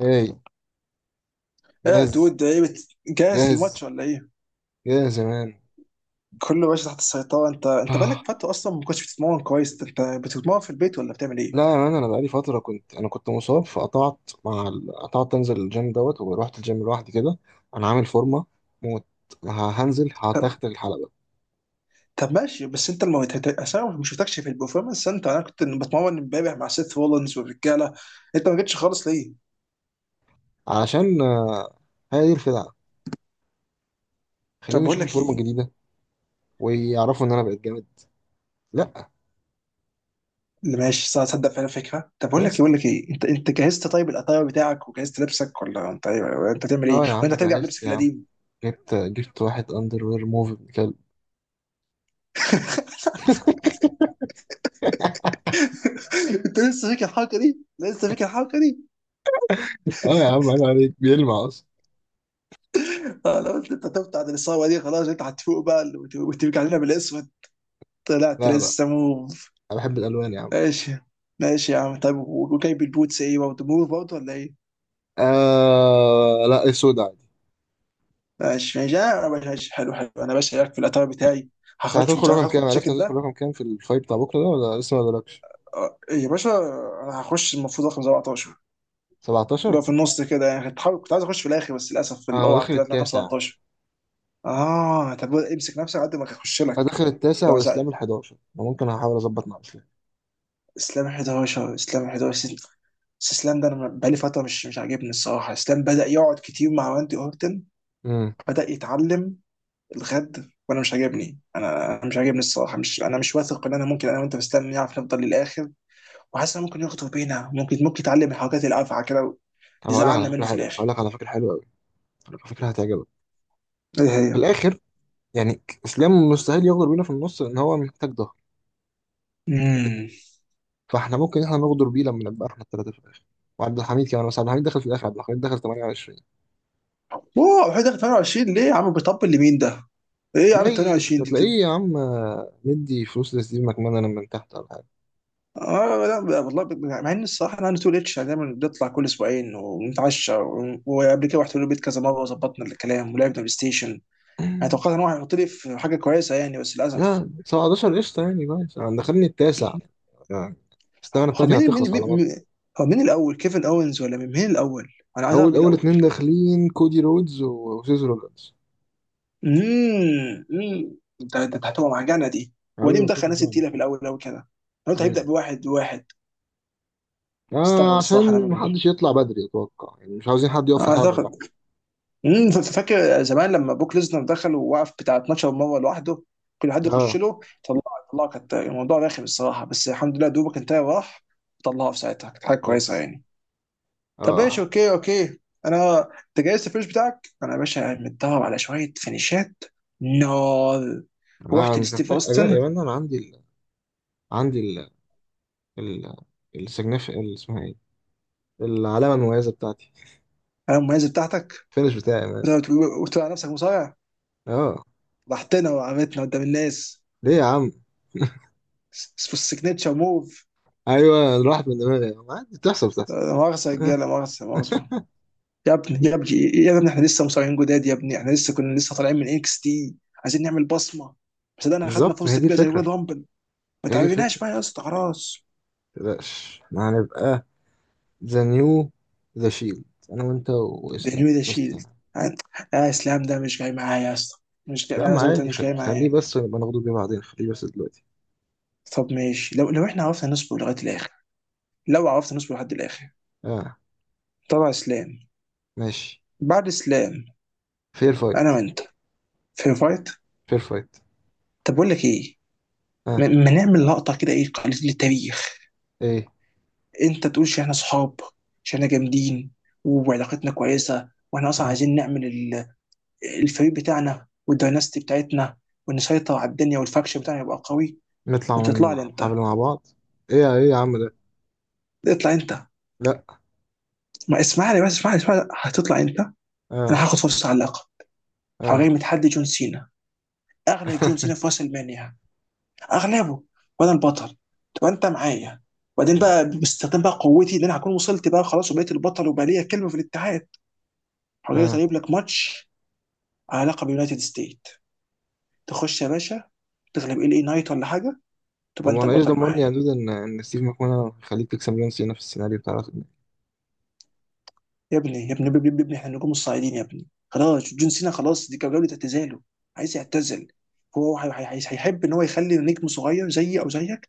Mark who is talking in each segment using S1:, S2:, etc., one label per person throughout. S1: هاي.
S2: ايه
S1: جاهز
S2: دود ايه جاهز للماتش
S1: جاهز
S2: ولا ايه؟
S1: جاهز يا مان.
S2: كله ماشي تحت السيطرة. انت بقالك
S1: آه.
S2: فترة اصلا ما كنتش بتتمرن كويس، انت بتتمرن في البيت ولا بتعمل ايه؟
S1: لا يا مان، انا بقالي فتره كنت مصاب فقطعت مع قطعت انزل الجيم دوت ورحت الجيم لوحدي كده. انا عامل فورمه موت. هنزل
S2: طب
S1: هتختل الحلبه.
S2: طب ماشي، بس انت عشان ما شفتكش في البرفورمانس سنتر، انا كنت بتمرن امبارح مع سيث رولينز والرجالة. انت ما جيتش خالص ليه؟
S1: علشان هي دي الخدعه.
S2: طب
S1: خليني
S2: بقول
S1: اشوف
S2: لك
S1: الفورمه
S2: ايه؟
S1: الجديده ويعرفوا ان انا بقيت جامد. لا.
S2: اللي ماشي صح تصدق فعلا فكرة. طب بقول لك ايه، بقول
S1: يس.
S2: لك ايه انت جهزت طيب الاتاير بتاعك وجهزت لبسك ولا انت ايه ولا انت تعمل ايه؟
S1: اه يا
S2: وانت
S1: عم
S2: هترجع
S1: جهزت
S2: بلبسك
S1: يا عم.
S2: القديم؟
S1: جبت واحد اندر وير موف ابن كلب.
S2: انت لسه فاكر الحركة دي؟ لسه فاكر الحركة دي؟
S1: اه يا عم عيب عليك، بيلمع اصلا.
S2: آه، لو قلت انت هتفوت عن الاصابه دي خلاص، انت هتفوق بقى وتبقى علينا بالاسود. طلعت
S1: لا،
S2: لسه موف.
S1: انا بحب الالوان يا عم.
S2: ماشي ماشي يا عم. طب وجايب البوتس ايه برضه، موف برضه ولا ايه؟
S1: آه لا، السودا.
S2: ماشي ماشي آه، ماشي ماشي، حلو حلو. انا باشا هناك في الاتار بتاعي.
S1: انت
S2: هخش
S1: هتدخل
S2: مش عارف
S1: رقم
S2: هدخل
S1: كام؟ عرفت
S2: بالجاكيت
S1: هتدخل
S2: ده.
S1: رقم كام في الفايت بتاع بكره ده، ولا لسه ما قالكش؟
S2: آه، إيه يا باشا. انا هخش المفروض رقم 17، اللي
S1: 17.
S2: هو في النص كده يعني. كنت عايز اخش في الاخر، بس للاسف في
S1: انا
S2: الاوعى
S1: داخل
S2: طلعت رقم
S1: التاسع.
S2: 17. اه طب امسك نفسك قد ما هخش
S1: انا
S2: لك.
S1: داخل التاسع، واسلام ال11، ممكن هحاول اظبط مع اسلام.
S2: اسلام 11، اسلام 11 بس. بس اسلام ده انا بقالي فتره مش عاجبني الصراحه. اسلام بدا يقعد كتير مع راندي اورتن،
S1: امم.
S2: بدا يتعلم الغد وانا مش عاجبني. انا مش عاجبني الصراحه. مش واثق ان انا ممكن انا وانت في اسلام نعرف نفضل للاخر، وحاسس إن ممكن يخطب بينا، ممكن يتعلم الحركات الافعى كده،
S1: طب هقول لك على
S2: يزعلنا
S1: فكره
S2: منه في
S1: حلوه، هقول
S2: الاخر.
S1: لك على فكره حلوه قوي، هقول لك على فكره هتعجبك.
S2: ايه
S1: في
S2: هي؟
S1: الاخر يعني اسلام مستحيل يغدر بينا في النص، لان هو محتاج ضهر.
S2: امم
S1: فاحنا ممكن نغدر بيه لما نبقى احنا الثلاثه في الاخر. وعبد الحميد كمان، بس عبد الحميد دخل في الاخر، عبد الحميد دخل 28.
S2: اوه حاجه، 28 ليه يا عم، بيطبل لمين ده؟ ايه يا عم
S1: تلاقي
S2: 28 دي.
S1: تلاقيه يا عم، مدي فلوس لستيف ماكمان انا من تحت ولا
S2: اه لا والله مع ان الصراحه انا تو ريتش دايما بنطلع كل اسبوعين ونتعشى، وقبل كده رحت له البيت كذا مره وظبطنا الكلام ولعبنا بلاي ستيشن.
S1: حاجه.
S2: انا توقعت ان هو هيحط لي في حاجه كويسه يعني، بس للاسف.
S1: لا، 17 قشطة يعني، ماشي. انا دخلني التاسع يعني. الثغرة
S2: هو
S1: بتاعتي
S2: مين مين
S1: هتخلص على
S2: مين
S1: مط.
S2: مين- هو مين الاول، كيفن اوينز ولا مين مين الاول؟ انا عايز اعرف مين
S1: أول
S2: الاول.
S1: اتنين داخلين كودي رودز وسيزر رودز،
S2: ده هتبقى معجنه دي. هو
S1: عايزين
S2: ليه
S1: يلطشوا
S2: مدخل
S1: في
S2: ناس
S1: بعض
S2: تقيله في
S1: شويه.
S2: الاول قوي كده؟ انا قلت هيبدا
S1: مم.
S2: بواحد واحد. استغرب
S1: آه،
S2: الصراحه انا
S1: عشان
S2: منه.
S1: محدش يطلع بدري أتوقع، يعني مش عاوزين حد يقف في الحلبة بقى.
S2: اعتقد فاكر زمان لما بوك ليزنر دخل ووقف بتاع 12 مره لوحده، كل حد يخش
S1: آه.
S2: له طلعه طلعه كانت الموضوع رخم الصراحه، بس الحمد لله دوبك انتهى وراح. طلعه في ساعتها كانت حاجه كويسه
S1: بس.
S2: يعني. طب ماشي،
S1: آه.
S2: اوكي اوكي. انا انت جايز الفينش بتاعك؟ انا يا باشا متدرب على شويه فينيشات، نار.
S1: آه،
S2: رحت
S1: مش
S2: لستيف
S1: محتاج أجا يا
S2: اوستن.
S1: مان، أنا عندي عندي ال السجنف، اسمها إيه، العلامة المميزة بتاعتي،
S2: انا المميزه بتاعتك؟
S1: الفينش بتاعي يا مان.
S2: وت- وتقول على نفسك مصارع،
S1: آه،
S2: ضحكتنا وعملتنا قدام الناس
S1: ليه يا عم؟
S2: في السيجنتشر موف.
S1: أيوه راحت من دماغي يا عم، عادي، بتحصل.
S2: لا مؤاخذه يا رجاله، مؤاخذه مؤاخذه. يا ابني يا ابني يا ابني، احنا لسه مصارعين جداد يا ابني، احنا لسه كنا طالعين من اكس تي، عايزين نعمل بصمه. بس ده اخدنا
S1: بالظبط، ما هي
S2: فرصه
S1: دي
S2: كبيره زي
S1: الفكرة.
S2: ويل رامبل، ما
S1: هي دي
S2: تعبناش
S1: الفكرة،
S2: بقى يا اسطى خلاص.
S1: متقلقش ما هنبقى ذا نيو، ذا شيلد، أنا وأنت
S2: ده
S1: وإسلام
S2: نيو، ده
S1: بس.
S2: شيلد. لا اسلام ده مش جاي معايا يا اسطى، مش جاي
S1: يا
S2: معايا
S1: عم
S2: زي ما قلت لك،
S1: عادي،
S2: مش جاي
S1: خليه
S2: معايا.
S1: بس ونبقى ناخده بيه بعدين، خليه بس دلوقتي.
S2: طب ماشي، لو احنا عرفنا نصبر لغايه الاخر، لو عرفنا نصبر لحد الاخر.
S1: آه.
S2: طبعا اسلام،
S1: ماشي.
S2: بعد اسلام
S1: فير
S2: انا
S1: فايت.
S2: وانت في فايت.
S1: فير فايت.
S2: طب بقول لك ايه،
S1: آه.
S2: ما نعمل لقطه كده، ايه قليل للتاريخ،
S1: إيه.
S2: انت تقول عشان احنا صحاب، عشان احنا جامدين وعلاقتنا كويسه، واحنا اصلا
S1: مم.
S2: عايزين نعمل الفريق بتاعنا والدايناستي بتاعتنا، ونسيطر على الدنيا والفاكشن بتاعنا يبقى قوي،
S1: نطلع
S2: وتطلع
S1: من
S2: لي
S1: الحفلة
S2: انت.
S1: مع بعض. إيه إيه يا عم ده.
S2: اطلع انت.
S1: لأ.
S2: ما اسمعني بس، اسمعني اسمعني، هتطلع انت. انا
S1: آه.
S2: هاخد فرصه على اللقب، هغير
S1: آه.
S2: من تحدي جون سينا، اغلب جون سينا في راس المانيا، اغلبه وانا البطل، تبقى انت معايا. وبعدين بقى باستخدام بقى قوتي ان انا هكون وصلت بقى خلاص وبقيت البطل وبقى ليا كلمه في الاتحاد، هغير
S1: آه.
S2: طيب لك ماتش على لقب يونايتد ستيت، تخش يا باشا، تغلب ال اي نايت ولا حاجه،
S1: طب
S2: تبقى انت
S1: وأنا إيش
S2: البطل
S1: ضمني يا
S2: معايا.
S1: دود إن ستيف ماكمان هيخليك تكسب جون سينا في السيناريو بتاع الأخر ده؟
S2: يا ابني يا ابني يا ابني يا ابني، احنا نجوم الصاعدين يا ابني، خلاص جون سينا خلاص، دي كانت جوله اعتزاله، عايز يعتزل. هو هيحب ان هو يخلي نجم صغير زيي او زيك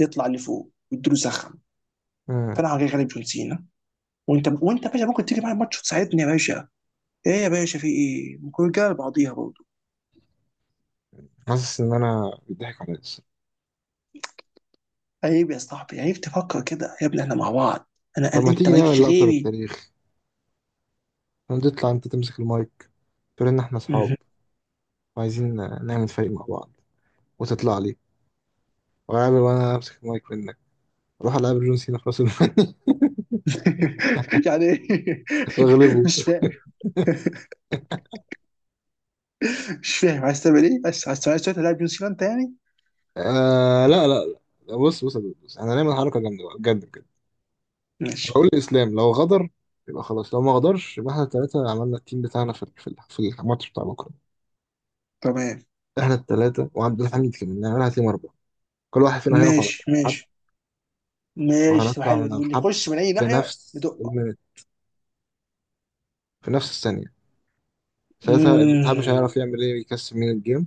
S2: يطلع لفوق ويديله زخم،
S1: آه.
S2: فانا هجي غالب جون سينا. وانت، وانت يا باشا ممكن تيجي معايا الماتش وتساعدني يا باشا. ايه يا باشا، في ايه؟ ممكن رجاله بعضيها برضه.
S1: حاسس إن أنا بيضحك عليا.
S2: عيب يا صاحبي، عيب تفكر كده يا ابني، احنا مع بعض. انا,
S1: طب
S2: أنا
S1: ما
S2: انت
S1: تيجي
S2: مالكش
S1: نعمل لقطة
S2: غيري.
S1: للتاريخ، هنطلع انت تمسك المايك، تقول ان احنا اصحاب وعايزين نعمل فريق مع بعض، وتطلع لي وأقابل وانا امسك المايك منك، اروح العب جون سينا في راس المال.
S2: يعني إيه؟
S1: واغلبه.
S2: مش فاهم، مش فاهم عايز تعمل ايه، بس عايز تلعب نيوزيلندا يعني؟
S1: آه لا لا. لا بص بص، احنا هنعمل حركة جامدة بقى بجد بجد.
S2: ماشي.
S1: هقول الاسلام لو غدر يبقى خلاص، لو ما غدرش يبقى احنا التلاتة عملنا التيم بتاعنا في الماتش بتاع بكرة.
S2: تمام.
S1: احنا التلاتة وعبد الحميد كمان، نعملها تيم أربعة، كل واحد فينا هيقف على
S2: ماشي
S1: حب،
S2: ماشي ماشي، تبقى
S1: وهنطلع
S2: حلوه
S1: من
S2: دي،
S1: على
S2: واللي
S1: الحب
S2: يخش من اي
S1: في
S2: ناحيه
S1: نفس
S2: بدقه.
S1: المينت، في نفس الثانية. ساعتها الاتحاد مش
S2: مم.
S1: هيعرف يعمل ايه، يكسب من الجيم،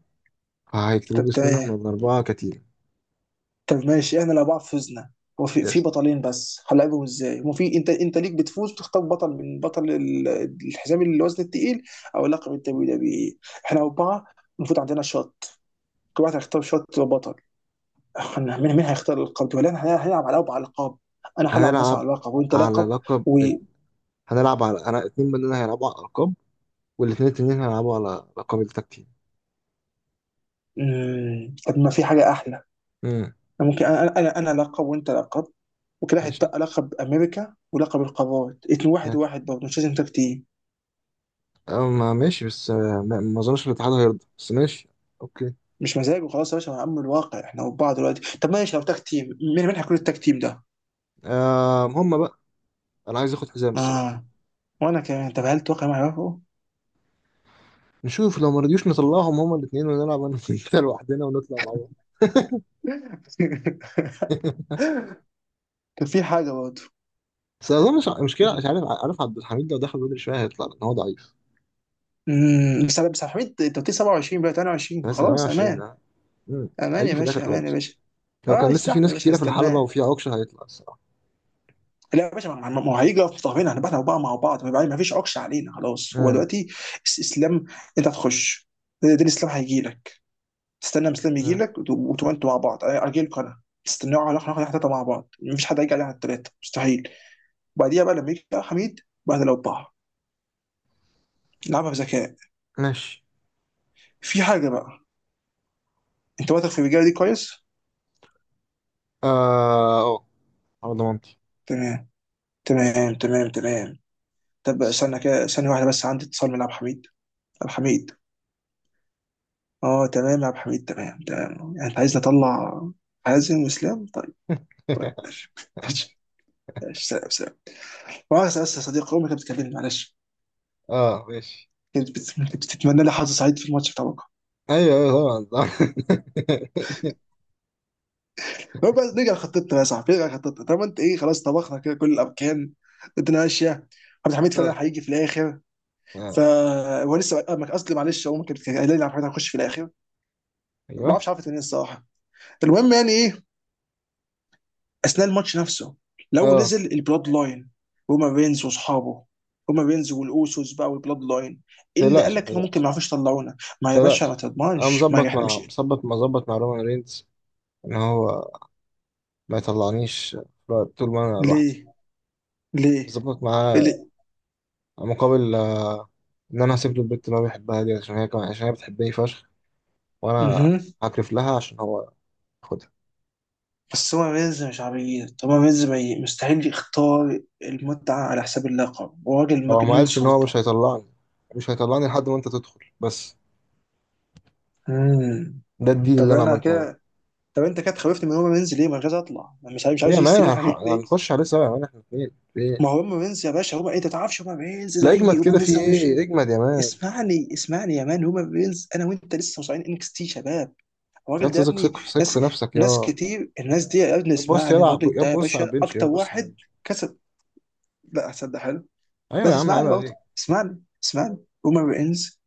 S1: فهيكتبوه
S2: طب
S1: باسمنا احنا
S2: تمام.
S1: الأربعة كتير.
S2: طب ماشي، احنا لو بعض فزنا، هو في
S1: يس.
S2: بطلين بس هنلعبهم ازاي؟ هو في، انت ليك بتفوز بتختار بطل من بطل الحزام الوزن التقيل او لقب الدبليو دبليو إيه. احنا اربعه المفروض عندنا شوت، كل واحد هيختار شوت وبطل. احنا مين مين هيختار اللقب ده، ولا احنا هنلعب على اربع القاب، انا هلعب مثلا
S1: هنلعب
S2: على لقب وانت
S1: على
S2: لقب
S1: لقب
S2: و...
S1: هنلعب على، أنا اتنين مننا هيلعبوا على الألقاب، والاتنين التانيين هيلعبوا على لقب التكتيم.
S2: مم. طب ما في حاجة أحلى.
S1: امم.
S2: أنا ممكن أنا أنا أنا أنا لقب وأنت لقب، وكده
S1: ماشي.
S2: هيتبقى لقب أمريكا ولقب القارات، اتنين واحد واحد برضه مش لازم تاك تيم.
S1: اه، ما ماشي. بس اه، ما ما أظنش الاتحاد هيرضى، بس ماشي. أوكي.
S2: مش مزاج وخلاص يا باشا. يا عم الواقع احنا وبعض دلوقتي. طب ماشي لو تاك تيم، مين مين هيكون التاك تيم ده؟
S1: آه هم بقى، أنا عايز آخد حزام الصراحة.
S2: آه. وأنا كمان. طب هل توقع ما يعرفه؟
S1: نشوف لو ما رضيوش نطلعهم هما الاتنين ونلعب أنا وأنت لوحدنا ونطلع مع بعض.
S2: كان في حاجة برضه.
S1: بس أظن مش مشكلة، مش عارف، عارف عبد الحميد لو دخل بدري شوية هيطلع لأن هو ضعيف.
S2: مم. بس بس يا حميد، أنت قلت لي 27 بقى 28،
S1: مثلا
S2: خلاص
S1: 120.
S2: أمان.
S1: اه. مم.
S2: أمان يا
S1: هيجي في الاخر
S2: باشا، أمان يا
S1: خالص،
S2: باشا.
S1: لو
S2: آه
S1: كان لسه في
S2: استحمل يا
S1: ناس
S2: باشا،
S1: كتيره في الحلبه
S2: هستناه.
S1: وفي عكشه هيطلع الصراحه.
S2: لا يا باشا، ما ما- ما هو هيجي يقف في ظهرنا، هنبقى احنا بقى مع بعض، ما فيش عكش علينا خلاص هو
S1: مم.
S2: دلوقتي. الاسلام، انت هتخش، دين الاسلام هيجي لك، تستنى الاسلام يجي
S1: مم.
S2: لك وتبقى انتوا مع بعض، اجي لكم انا، تستنوا على احنا ثلاثه مع بعض، مفيش حد هيجي علينا على الثلاثه مستحيل. وبعديها بقى لما يجي بقى حميد، بعد لو بقى، نلعبها بذكاء.
S1: ماشي.
S2: في حاجه بقى، انت واثق في الرجاله دي كويس؟
S1: اه اه، على ضمانتي.
S2: تمام، تمام تمام تمام. طب
S1: بس.
S2: استنى كده ثانيه واحده بس، عندي اتصال من عبد الحميد. عبد الحميد، اه تمام يا عبد الحميد، تمام تمام، يعني انت عايز اطلع حازم واسلام؟ طيب. طيب ماشي، ماشي ماشي، سلام سلام. بس بس يا صديقي، امي كانت بتكلمني معلش،
S1: اه ماشي.
S2: كانت بتتمنى لي حظ سعيد في الماتش بتاع بكره.
S1: ايوه ايوه طبعا طبعا.
S2: هو بس نرجع لخطتنا يا صاحبي، نرجع لخطتنا. طب انت ايه، خلاص طبخنا كده كل الاركان، الدنيا ماشيه، عبد الحميد
S1: اه.
S2: فعلا هيجي في الاخر. ف
S1: آه.
S2: هو لسه آه، قصدي معلش امي كانت قايله لي عبد الحميد هيخش في الاخر. ما
S1: ايوه.
S2: اعرفش عرفت منين الصراحه. المهم يعني ايه، اثناء الماتش نفسه،
S1: اه
S2: لو
S1: ما
S2: نزل البلاد لاين، روما رينز واصحابه، روما رينز والاوسوس بقى والبلاد لاين، إيه اللي قال
S1: تقلقش، ما
S2: لك انه ممكن ما
S1: تقلقش،
S2: يعرفوش يطلعونا؟
S1: ما
S2: ما يا باشا ما
S1: تقلقش. انا
S2: تضمنش ما
S1: مظبط
S2: احنا
S1: مع،
S2: مش.
S1: مظبط مع رومان رينز ان هو ما يطلعنيش طول ما انا لوحدي.
S2: ليه، ليه،
S1: مظبط
S2: إيه
S1: معاه،
S2: ليه؟
S1: مقابل ان انا هسيب له البنت اللي هو بيحبها دي، عشان هي كمان عشان هي بتحبني فشخ. وانا
S2: مهم.
S1: هكرف لها عشان هو ياخدها.
S2: بس هو رينز مش عبيط، هو رينز ما ي- مستحيل يختار المتعة على حساب اللقب، هو راجل
S1: هو ما
S2: مجنون
S1: قالش ان هو مش
S2: سلطة.
S1: هيطلعني، مش هيطلعني لحد ما انت تدخل بس.
S2: مم.
S1: ده الديل
S2: طب
S1: اللي انا
S2: انا
S1: عملته معاه.
S2: كده، طب انت كده خوفتني من روما رينز ليه، ما أنا مش عايز اطلع، أنا مش عايز، مش
S1: ايه
S2: عاوز
S1: يا مان،
S2: يستنى احنا الاثنين.
S1: هنخش عليه سوا يا مان، احنا اتنين في ايه.
S2: ما هو روما رينز يا باشا، روما انت تعرفش روما رينز،
S1: لا
S2: زي
S1: اجمد
S2: روما
S1: كده، في
S2: رينز ده مش.
S1: ايه؟ اجمد يا مان.
S2: اسمعني اسمعني يا مان، هما بينز، انا وانت لسه مصارعين انكس تي شباب.
S1: يا
S2: الراجل ده يا
S1: تثق،
S2: ابني.
S1: ثق
S2: ناس
S1: في نفسك
S2: ناس
S1: يا.
S2: كتير، الناس دي يا ابني
S1: بص
S2: اسمعني،
S1: يلعب،
S2: الراجل
S1: يا
S2: ده يا
S1: بص على
S2: باشا
S1: البنش، يا
S2: اكتر
S1: بص على
S2: واحد
S1: البنش.
S2: كسب. لا هتصدق، حلو.
S1: ايوه يا
S2: بس
S1: عم عيب
S2: اسمعني برضه،
S1: عليك.
S2: اسمعني اسمعني. هما بينز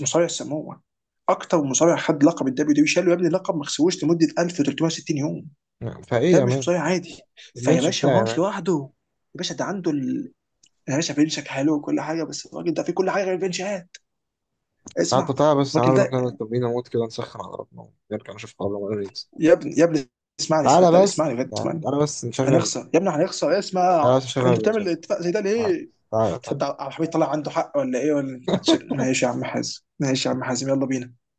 S2: مصارع سموه اكتر مصارع خد لقب الدبليو دبليو، شالوا يا ابني لقب ما خسروش لمده 1360 يوم.
S1: نعم. فايه
S2: ده
S1: يا
S2: مش
S1: مان؟
S2: مصارع عادي. فيا
S1: البنش
S2: باشا
S1: بتاعي
S2: هو
S1: يا
S2: مش
S1: مان.
S2: لوحده، يا باشا ده عنده ال... يا باشا فينشك حلو وكل حاجه بس الراجل ده فيه كل حاجه غير الفينشات.
S1: تعال،
S2: اسمع
S1: تعالى بس، تعالى
S2: الراجل
S1: نروح
S2: ده
S1: نعمل تمرين موت كده، نسخن على ربنا ونرجع نشوف قبل ما ننزل.
S2: يا ابني يا ابني، اسمعني صدق،
S1: تعالى بس،
S2: اسمعني بجد، اسمعني.
S1: تعالى بس نشغل.
S2: هنخسر يا ابني، هنخسر. إيه، اسمع.
S1: تعالى بس نشغل
S2: انت
S1: البنش.
S2: بتعمل اتفاق زي ده
S1: تعالى.
S2: ليه؟
S1: تعالى.
S2: تصدق عبد الحميد طلع عنده حق ولا ايه ولا. ماشي يا عم حازم، ماشي يا عم حازم، يلا بينا.